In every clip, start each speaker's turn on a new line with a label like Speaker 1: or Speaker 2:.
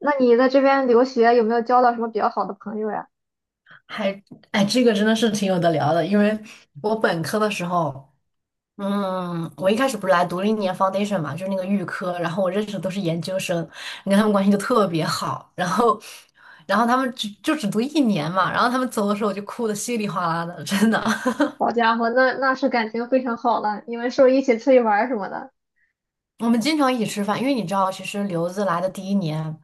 Speaker 1: 那你在这边留学有没有交到什么比较好的朋友呀？
Speaker 2: 还，哎，这个真的是挺有的聊的，因为我本科的时候，我一开始不是来读了一年 foundation 嘛，就是那个预科，然后我认识的都是研究生，你看他们关系就特别好，然后他们就只读一年嘛，然后他们走的时候我就哭的稀里哗啦的，真的。
Speaker 1: 好家伙，那是感情非常好了，你们是不是一起出去玩儿什么的？
Speaker 2: 我们经常一起吃饭，因为你知道，其实留子来的第一年，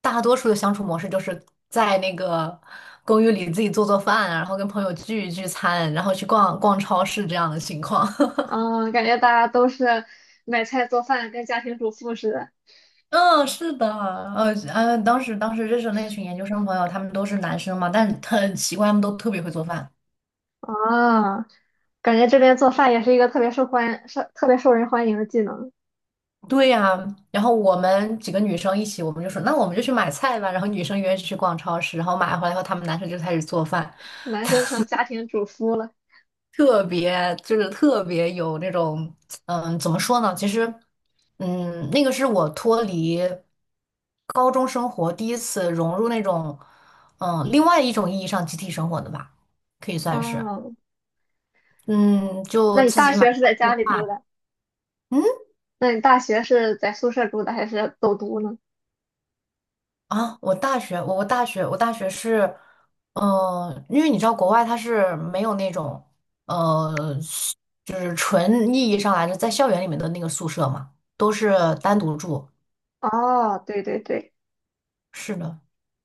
Speaker 2: 大多数的相处模式就是在那个公寓里自己做做饭啊然后跟朋友聚一聚餐，然后去逛逛超市这样的情况。
Speaker 1: 嗯，感觉大家都是买菜做饭，跟家庭主妇似的。
Speaker 2: 嗯，是的，当时认识的那群研究生朋友，他们都是男生嘛，但很奇怪，他们都特别会做饭。
Speaker 1: 啊，感觉这边做饭也是一个特别受人欢迎的技能，
Speaker 2: 对呀，然后我们几个女生一起，我们就说，那我们就去买菜吧。然后女生约去逛超市，然后买回来后，他们男生就开始做饭，
Speaker 1: 男生成家庭主夫了。
Speaker 2: 特别有那种，怎么说呢？其实，那个是我脱离高中生活第一次融入那种，另外一种意义上集体生活的吧，可以算是。
Speaker 1: 哦，
Speaker 2: 嗯，就
Speaker 1: 那你
Speaker 2: 自
Speaker 1: 大
Speaker 2: 己买
Speaker 1: 学是
Speaker 2: 菜
Speaker 1: 在家
Speaker 2: 做
Speaker 1: 里住
Speaker 2: 饭
Speaker 1: 的？
Speaker 2: 嗯
Speaker 1: 那你大学是在宿舍住的还是走读呢？
Speaker 2: 我大学是，因为你知道国外它是没有那种，呃，是就是纯意义上来的在校园里面的那个宿舍嘛，都是单独住。
Speaker 1: 哦，对对对。
Speaker 2: 是的，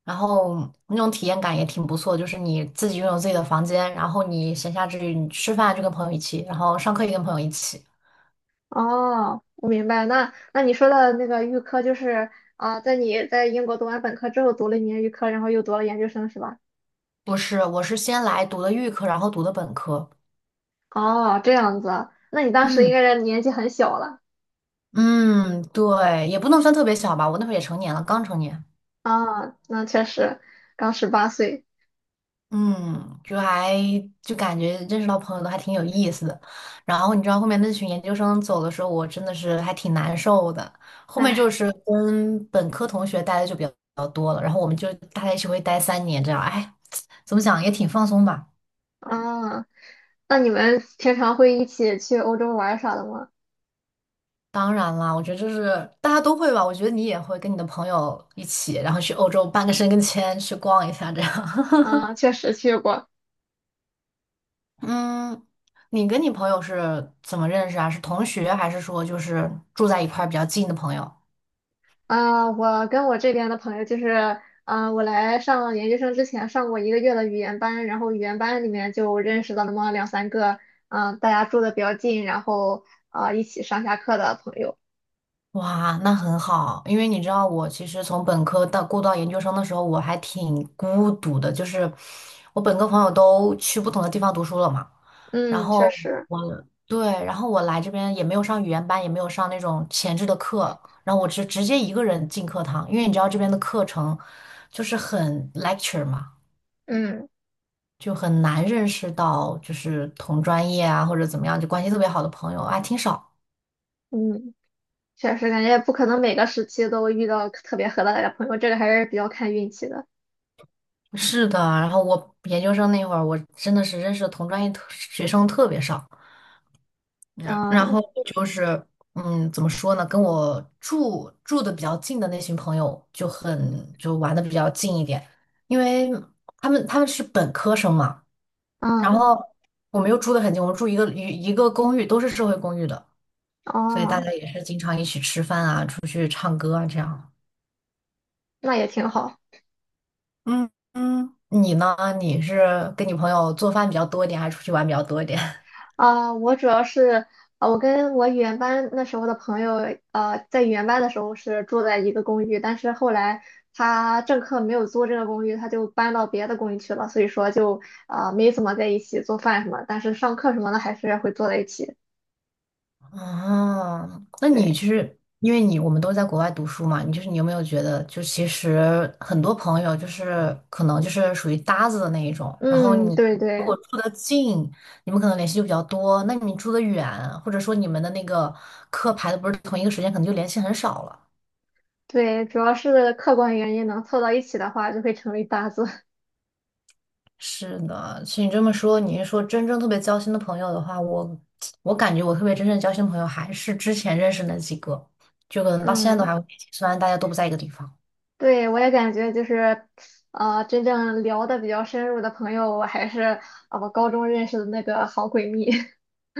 Speaker 2: 然后那种体验感也挺不错，就是你自己拥有自己的房间，然后你闲暇之余你吃饭就跟朋友一起，然后上课也跟朋友一起。
Speaker 1: 哦，我明白。那你说的那个预科就是啊，你在英国读完本科之后读了一年预科，然后又读了研究生是吧？
Speaker 2: 不是，我是先来读的预科，然后读的本科。
Speaker 1: 哦，这样子啊。那你当时应
Speaker 2: 嗯。
Speaker 1: 该是年纪很小了
Speaker 2: 嗯，对，也不能算特别小吧，我那会儿也成年了，刚成年。
Speaker 1: 啊，那确实刚18岁。
Speaker 2: 嗯，就感觉认识到朋友都还挺有意思的。然后你知道后面那群研究生走的时候，我真的是还挺难受的。后面就
Speaker 1: 唉，
Speaker 2: 是跟本科同学待的就比较多了，然后我们就大家一起会待3年这样。哎，怎么讲也挺放松吧。
Speaker 1: 啊，那你们平常会一起去欧洲玩儿啥的吗？
Speaker 2: 当然啦，我觉得就是大家都会吧。我觉得你也会跟你的朋友一起，然后去欧洲办个申根签，去逛一下这样。
Speaker 1: 啊，确实去过。
Speaker 2: 嗯，你跟你朋友是怎么认识啊？是同学，还是说就是住在一块儿比较近的朋友？
Speaker 1: 啊，我跟我这边的朋友就是，啊，我来上研究生之前上过一个月的语言班，然后语言班里面就认识了那么两三个，嗯、大家住的比较近，然后啊、一起上下课的朋友。
Speaker 2: 哇，那很好，因为你知道我其实从本科到过渡到研究生的时候，我还挺孤独的，就是我本科朋友都去不同的地方读书了嘛，然
Speaker 1: 嗯，
Speaker 2: 后
Speaker 1: 确实，
Speaker 2: 我对，然后我来这边也没有上语言班，也没有上那种前置的课，然后我直接一个人进课堂，因为你知道这边的课程就是很 lecture 嘛。
Speaker 1: 嗯
Speaker 2: 就很难认识到，就是同专业啊或者怎么样，就关系特别好的朋友啊，挺少。
Speaker 1: 嗯，确实感觉不可能每个时期都遇到特别合得来的朋友，这个还是比较看运气的。
Speaker 2: 是的，然后我研究生那会儿，我真的是认识的同专业学生特别少。然后
Speaker 1: 嗯
Speaker 2: 就是，怎么说呢？跟我住的比较近的那群朋友就很就玩的比较近一点，因为他们是本科生嘛，然
Speaker 1: 嗯
Speaker 2: 后我们又住的很近，我们住一个公寓，都是社会公寓的，所以大
Speaker 1: 哦，
Speaker 2: 家也是经常一起吃饭啊，出去。这样。
Speaker 1: 那也挺好。
Speaker 2: 嗯嗯，你呢？你是跟你朋友做饭比较多一点，还是出去玩比较多一点？
Speaker 1: 啊、我主要是我跟我语言班那时候的朋友，在语言班的时候是住在一个公寓，但是后来他正课没有租这个公寓，他就搬到别的公寓去了，所以说就没怎么在一起做饭什么，但是上课什么的还是会坐在一起。
Speaker 2: 哦，那你
Speaker 1: 对，
Speaker 2: 就是因为你我们都在国外读书嘛，你就是你有没有觉得，就其实很多朋友就是可能就是属于搭子的那一种，然后
Speaker 1: 嗯，
Speaker 2: 你
Speaker 1: 对
Speaker 2: 如果
Speaker 1: 对
Speaker 2: 住的近，你们可能联系就比较多；那你住的远，或者说你们的那个课排的不是同一个时间，可能就联系很少了。
Speaker 1: 对，主要是客观原因能凑到一起的话，就会成为搭子。
Speaker 2: 是的，其实你这么说，你是说真正特别交心的朋友的话，我感觉我特别真正交心的朋友还是之前认识那几个，就可 能到现在都
Speaker 1: 嗯。
Speaker 2: 还会联系，虽然大家都不在一个地方。
Speaker 1: 对，我也感觉就是，真正聊的比较深入的朋友，我还是高中认识的那个好闺蜜。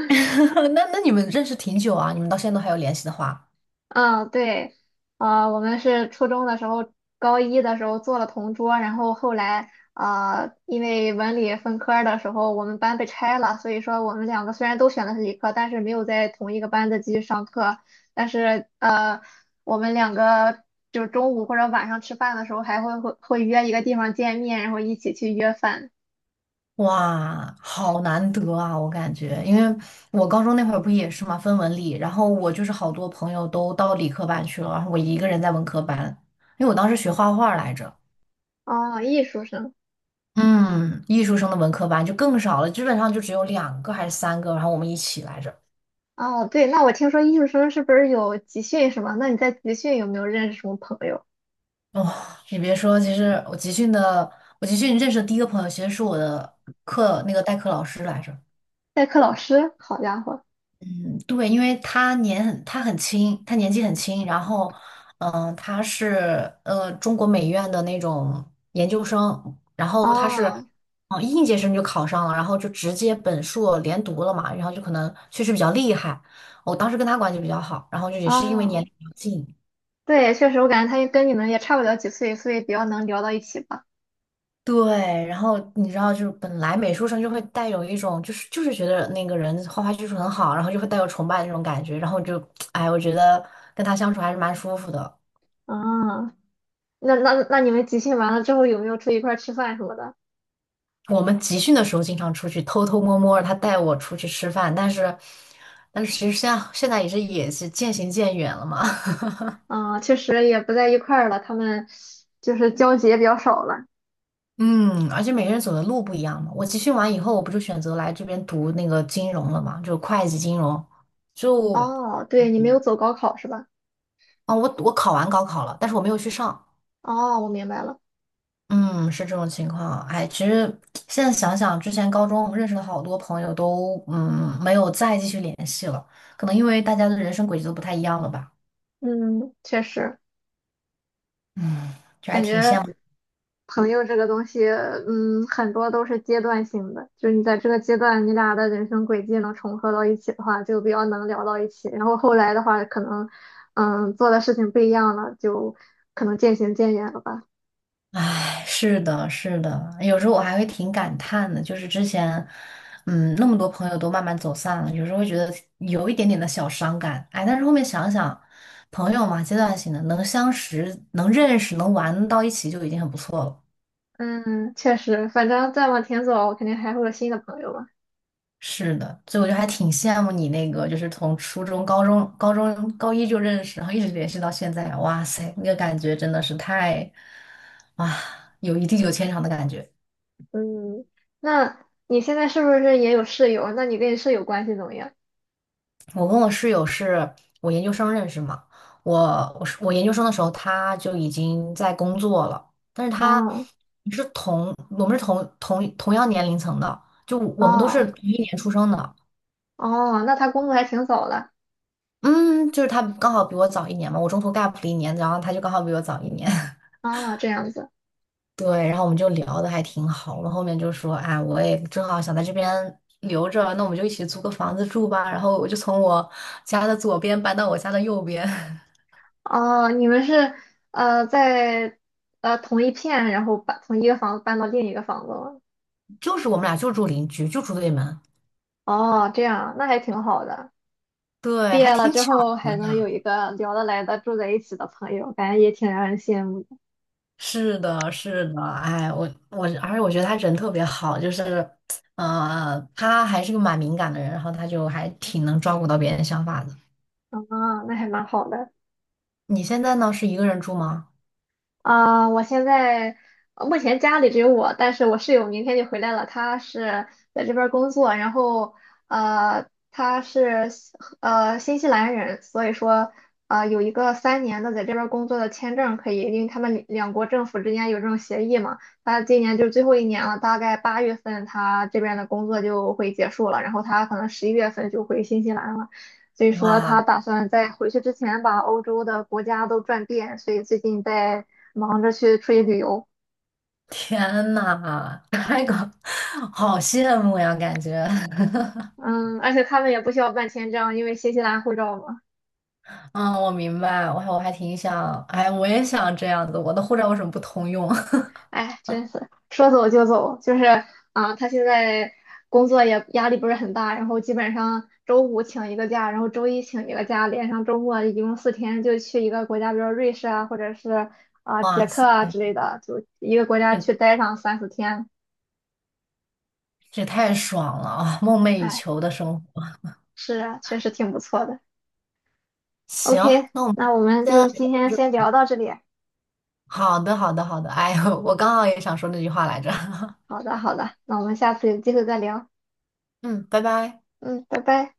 Speaker 2: 那你们认识挺久啊？你们到现在都还有联系的话，
Speaker 1: 嗯，对，我们是初中的时候，高一的时候做了同桌，然后后来因为文理分科儿的时候，我们班被拆了，所以说我们两个虽然都选的是理科，但是没有在同一个班子继续上课，但是我们两个。就是中午或者晚上吃饭的时候，还会约一个地方见面，然后一起去约饭。
Speaker 2: 哇，好难得啊！我感觉，因为我高中那会儿不也是嘛，分文理，然后我就是好多朋友都到理科班去了，然后我一个人在文科班，因为我当时学画画来着。
Speaker 1: 哦，艺术生。
Speaker 2: 嗯，艺术生的文科班就更少了，基本上就只有2个还是3个，然后我们一起来着。
Speaker 1: 哦，对，那我听说艺术生是不是有集训什么？那你在集训有没有认识什么朋友？
Speaker 2: 哦，你别说，其实我集训的，我集训认识的第一个朋友，其实是我的课那个代课老师来着。
Speaker 1: 代课老师？好家伙！
Speaker 2: 嗯，对，因为他年纪很轻，然后，他是中国美院的那种研究生，然后他是，
Speaker 1: 哦
Speaker 2: 应届生就考上了，然后就直接本硕连读了嘛，然后就可能确实比较厉害。我当时跟他关系比较好，然后就也是因为年
Speaker 1: 哦，
Speaker 2: 龄比较近，
Speaker 1: 对，确实，我感觉他跟你们也差不了几岁，所以比较能聊到一起吧。
Speaker 2: 对，然后你知道，就是本来美术生就会带有一种，就是觉得那个人画画技术很好，然后就会带有崇拜的那种感觉，然后就，哎，我觉得跟他相处还是蛮舒服的。
Speaker 1: 嗯，那你们集训完了之后有没有出去一块儿吃饭什么的？
Speaker 2: 我们集训的时候经常出去偷偷摸摸，他带我出去吃饭，但是，但是其实现在也是渐行渐远了嘛。
Speaker 1: 嗯，确实也不在一块儿了，他们就是交集也比较少了。
Speaker 2: 嗯，而且每个人走的路不一样嘛。我集训完以后，我不就选择来这边读那个金融了嘛，就会计金融。就
Speaker 1: 哦，对，你没有走高考是吧？
Speaker 2: 啊，我考完高考了，但是我没有去上。
Speaker 1: 哦，我明白了。
Speaker 2: 嗯，是这种情况。哎，其实现在想想，之前高中认识的好多朋友都没有再继续联系了，可能因为大家的人生轨迹都不太一样了吧。
Speaker 1: 嗯，确实。
Speaker 2: 嗯，就还
Speaker 1: 感
Speaker 2: 挺羡
Speaker 1: 觉
Speaker 2: 慕的。
Speaker 1: 朋友这个东西，嗯，很多都是阶段性的，就是你在这个阶段，你俩的人生轨迹能重合到一起的话，就比较能聊到一起。然后后来的话，可能，嗯，做的事情不一样了，就可能渐行渐远了吧。
Speaker 2: 哎，是的，是的，有时候我还会挺感叹的，就是之前，那么多朋友都慢慢走散了，有时候会觉得有一点点的小伤感。哎，但是后面想想，朋友嘛，阶段性的，能相识、能认识、能玩到一起就已经很不错了。
Speaker 1: 嗯，确实，反正再往前走，肯定还会有新的朋友嘛。
Speaker 2: 是的，所以我就还挺羡慕你那个，就是从初中、高中高一就认识，然后一直联系到现在。哇塞，那个感觉真的是太，哇，有一地久天长的感觉。
Speaker 1: 嗯，那你现在是不是也有室友？那你跟你室友关系怎么样？
Speaker 2: 我跟我室友是我研究生认识嘛，我是我研究生的时候他就已经在工作了，但是他
Speaker 1: 哦
Speaker 2: 是我们是同样年龄层的，就我们都是
Speaker 1: 哦
Speaker 2: 同一年出生的，
Speaker 1: 哦，那他工作还挺早的。
Speaker 2: 嗯，就是他刚好比我早一年嘛，我中途 gap 了一年，然后他就刚好比我早一年，
Speaker 1: 啊，这样子。
Speaker 2: 对，然后我们就聊的还挺好，我们后面就说，哎，我也正好想在这边留着，那我们就一起租个房子住吧，然后我就从我家的左边搬到我家的右边。
Speaker 1: 哦，你们是在同一片，然后把从一个房子搬到另一个房子吗？
Speaker 2: 就是我们俩就住邻居，就住对门，
Speaker 1: 哦，这样啊，那还挺好的。
Speaker 2: 对，
Speaker 1: 毕
Speaker 2: 还
Speaker 1: 业了
Speaker 2: 挺
Speaker 1: 之
Speaker 2: 巧
Speaker 1: 后
Speaker 2: 合
Speaker 1: 还能
Speaker 2: 的。
Speaker 1: 有一个聊得来的住在一起的朋友，感觉也挺让人羡慕的
Speaker 2: 是的，是的，哎，而且我觉得他人特别好，就是，他还是个蛮敏感的人，然后他就还挺能照顾到别人想法的。
Speaker 1: 啊，那还蛮好的。
Speaker 2: 你现在呢，是一个人住吗？
Speaker 1: 啊、我现在目前家里只有我，但是我室友明天就回来了，他是在这边儿工作，然后呃，他是新西兰人，所以说有一个3年的在这边儿工作的签证可以，因为他们两国政府之间有这种协议嘛。他今年就是最后一年了，大概8月份他这边的工作就会结束了，然后他可能11月份就回新西兰了。所以说
Speaker 2: 哇，
Speaker 1: 他打算在回去之前把欧洲的国家都转遍，所以最近在忙着去出去旅游。
Speaker 2: 天呐，那个 好羡慕呀，感觉。
Speaker 1: 嗯，而且他们也不需要办签证，因为新西兰护照嘛。
Speaker 2: 嗯，我明白，我还挺想，哎，我也想这样子，我的护照为什么不通用？
Speaker 1: 哎，真是说走就走，就是他现在工作也压力不是很大，然后基本上周五请一个假，然后周一请一个假，连上周末一共四天就去一个国家，比如瑞士啊，或者是啊、捷
Speaker 2: 哇
Speaker 1: 克
Speaker 2: 塞，
Speaker 1: 啊之类的，就一个国家去待上三四天。
Speaker 2: 这也太爽了啊！梦寐以
Speaker 1: 哎，
Speaker 2: 求的生活。
Speaker 1: 是啊，确实挺不错的。
Speaker 2: 行，
Speaker 1: OK，
Speaker 2: 那我们
Speaker 1: 那我们
Speaker 2: 先聊
Speaker 1: 就
Speaker 2: 到
Speaker 1: 今天先
Speaker 2: 这。
Speaker 1: 聊到这里。
Speaker 2: 好的，好的，好的。哎，呦，我刚好也想说那句话来着。
Speaker 1: 好的，好的，那我们下次有机会再聊。
Speaker 2: 嗯，拜拜。
Speaker 1: 嗯，拜拜。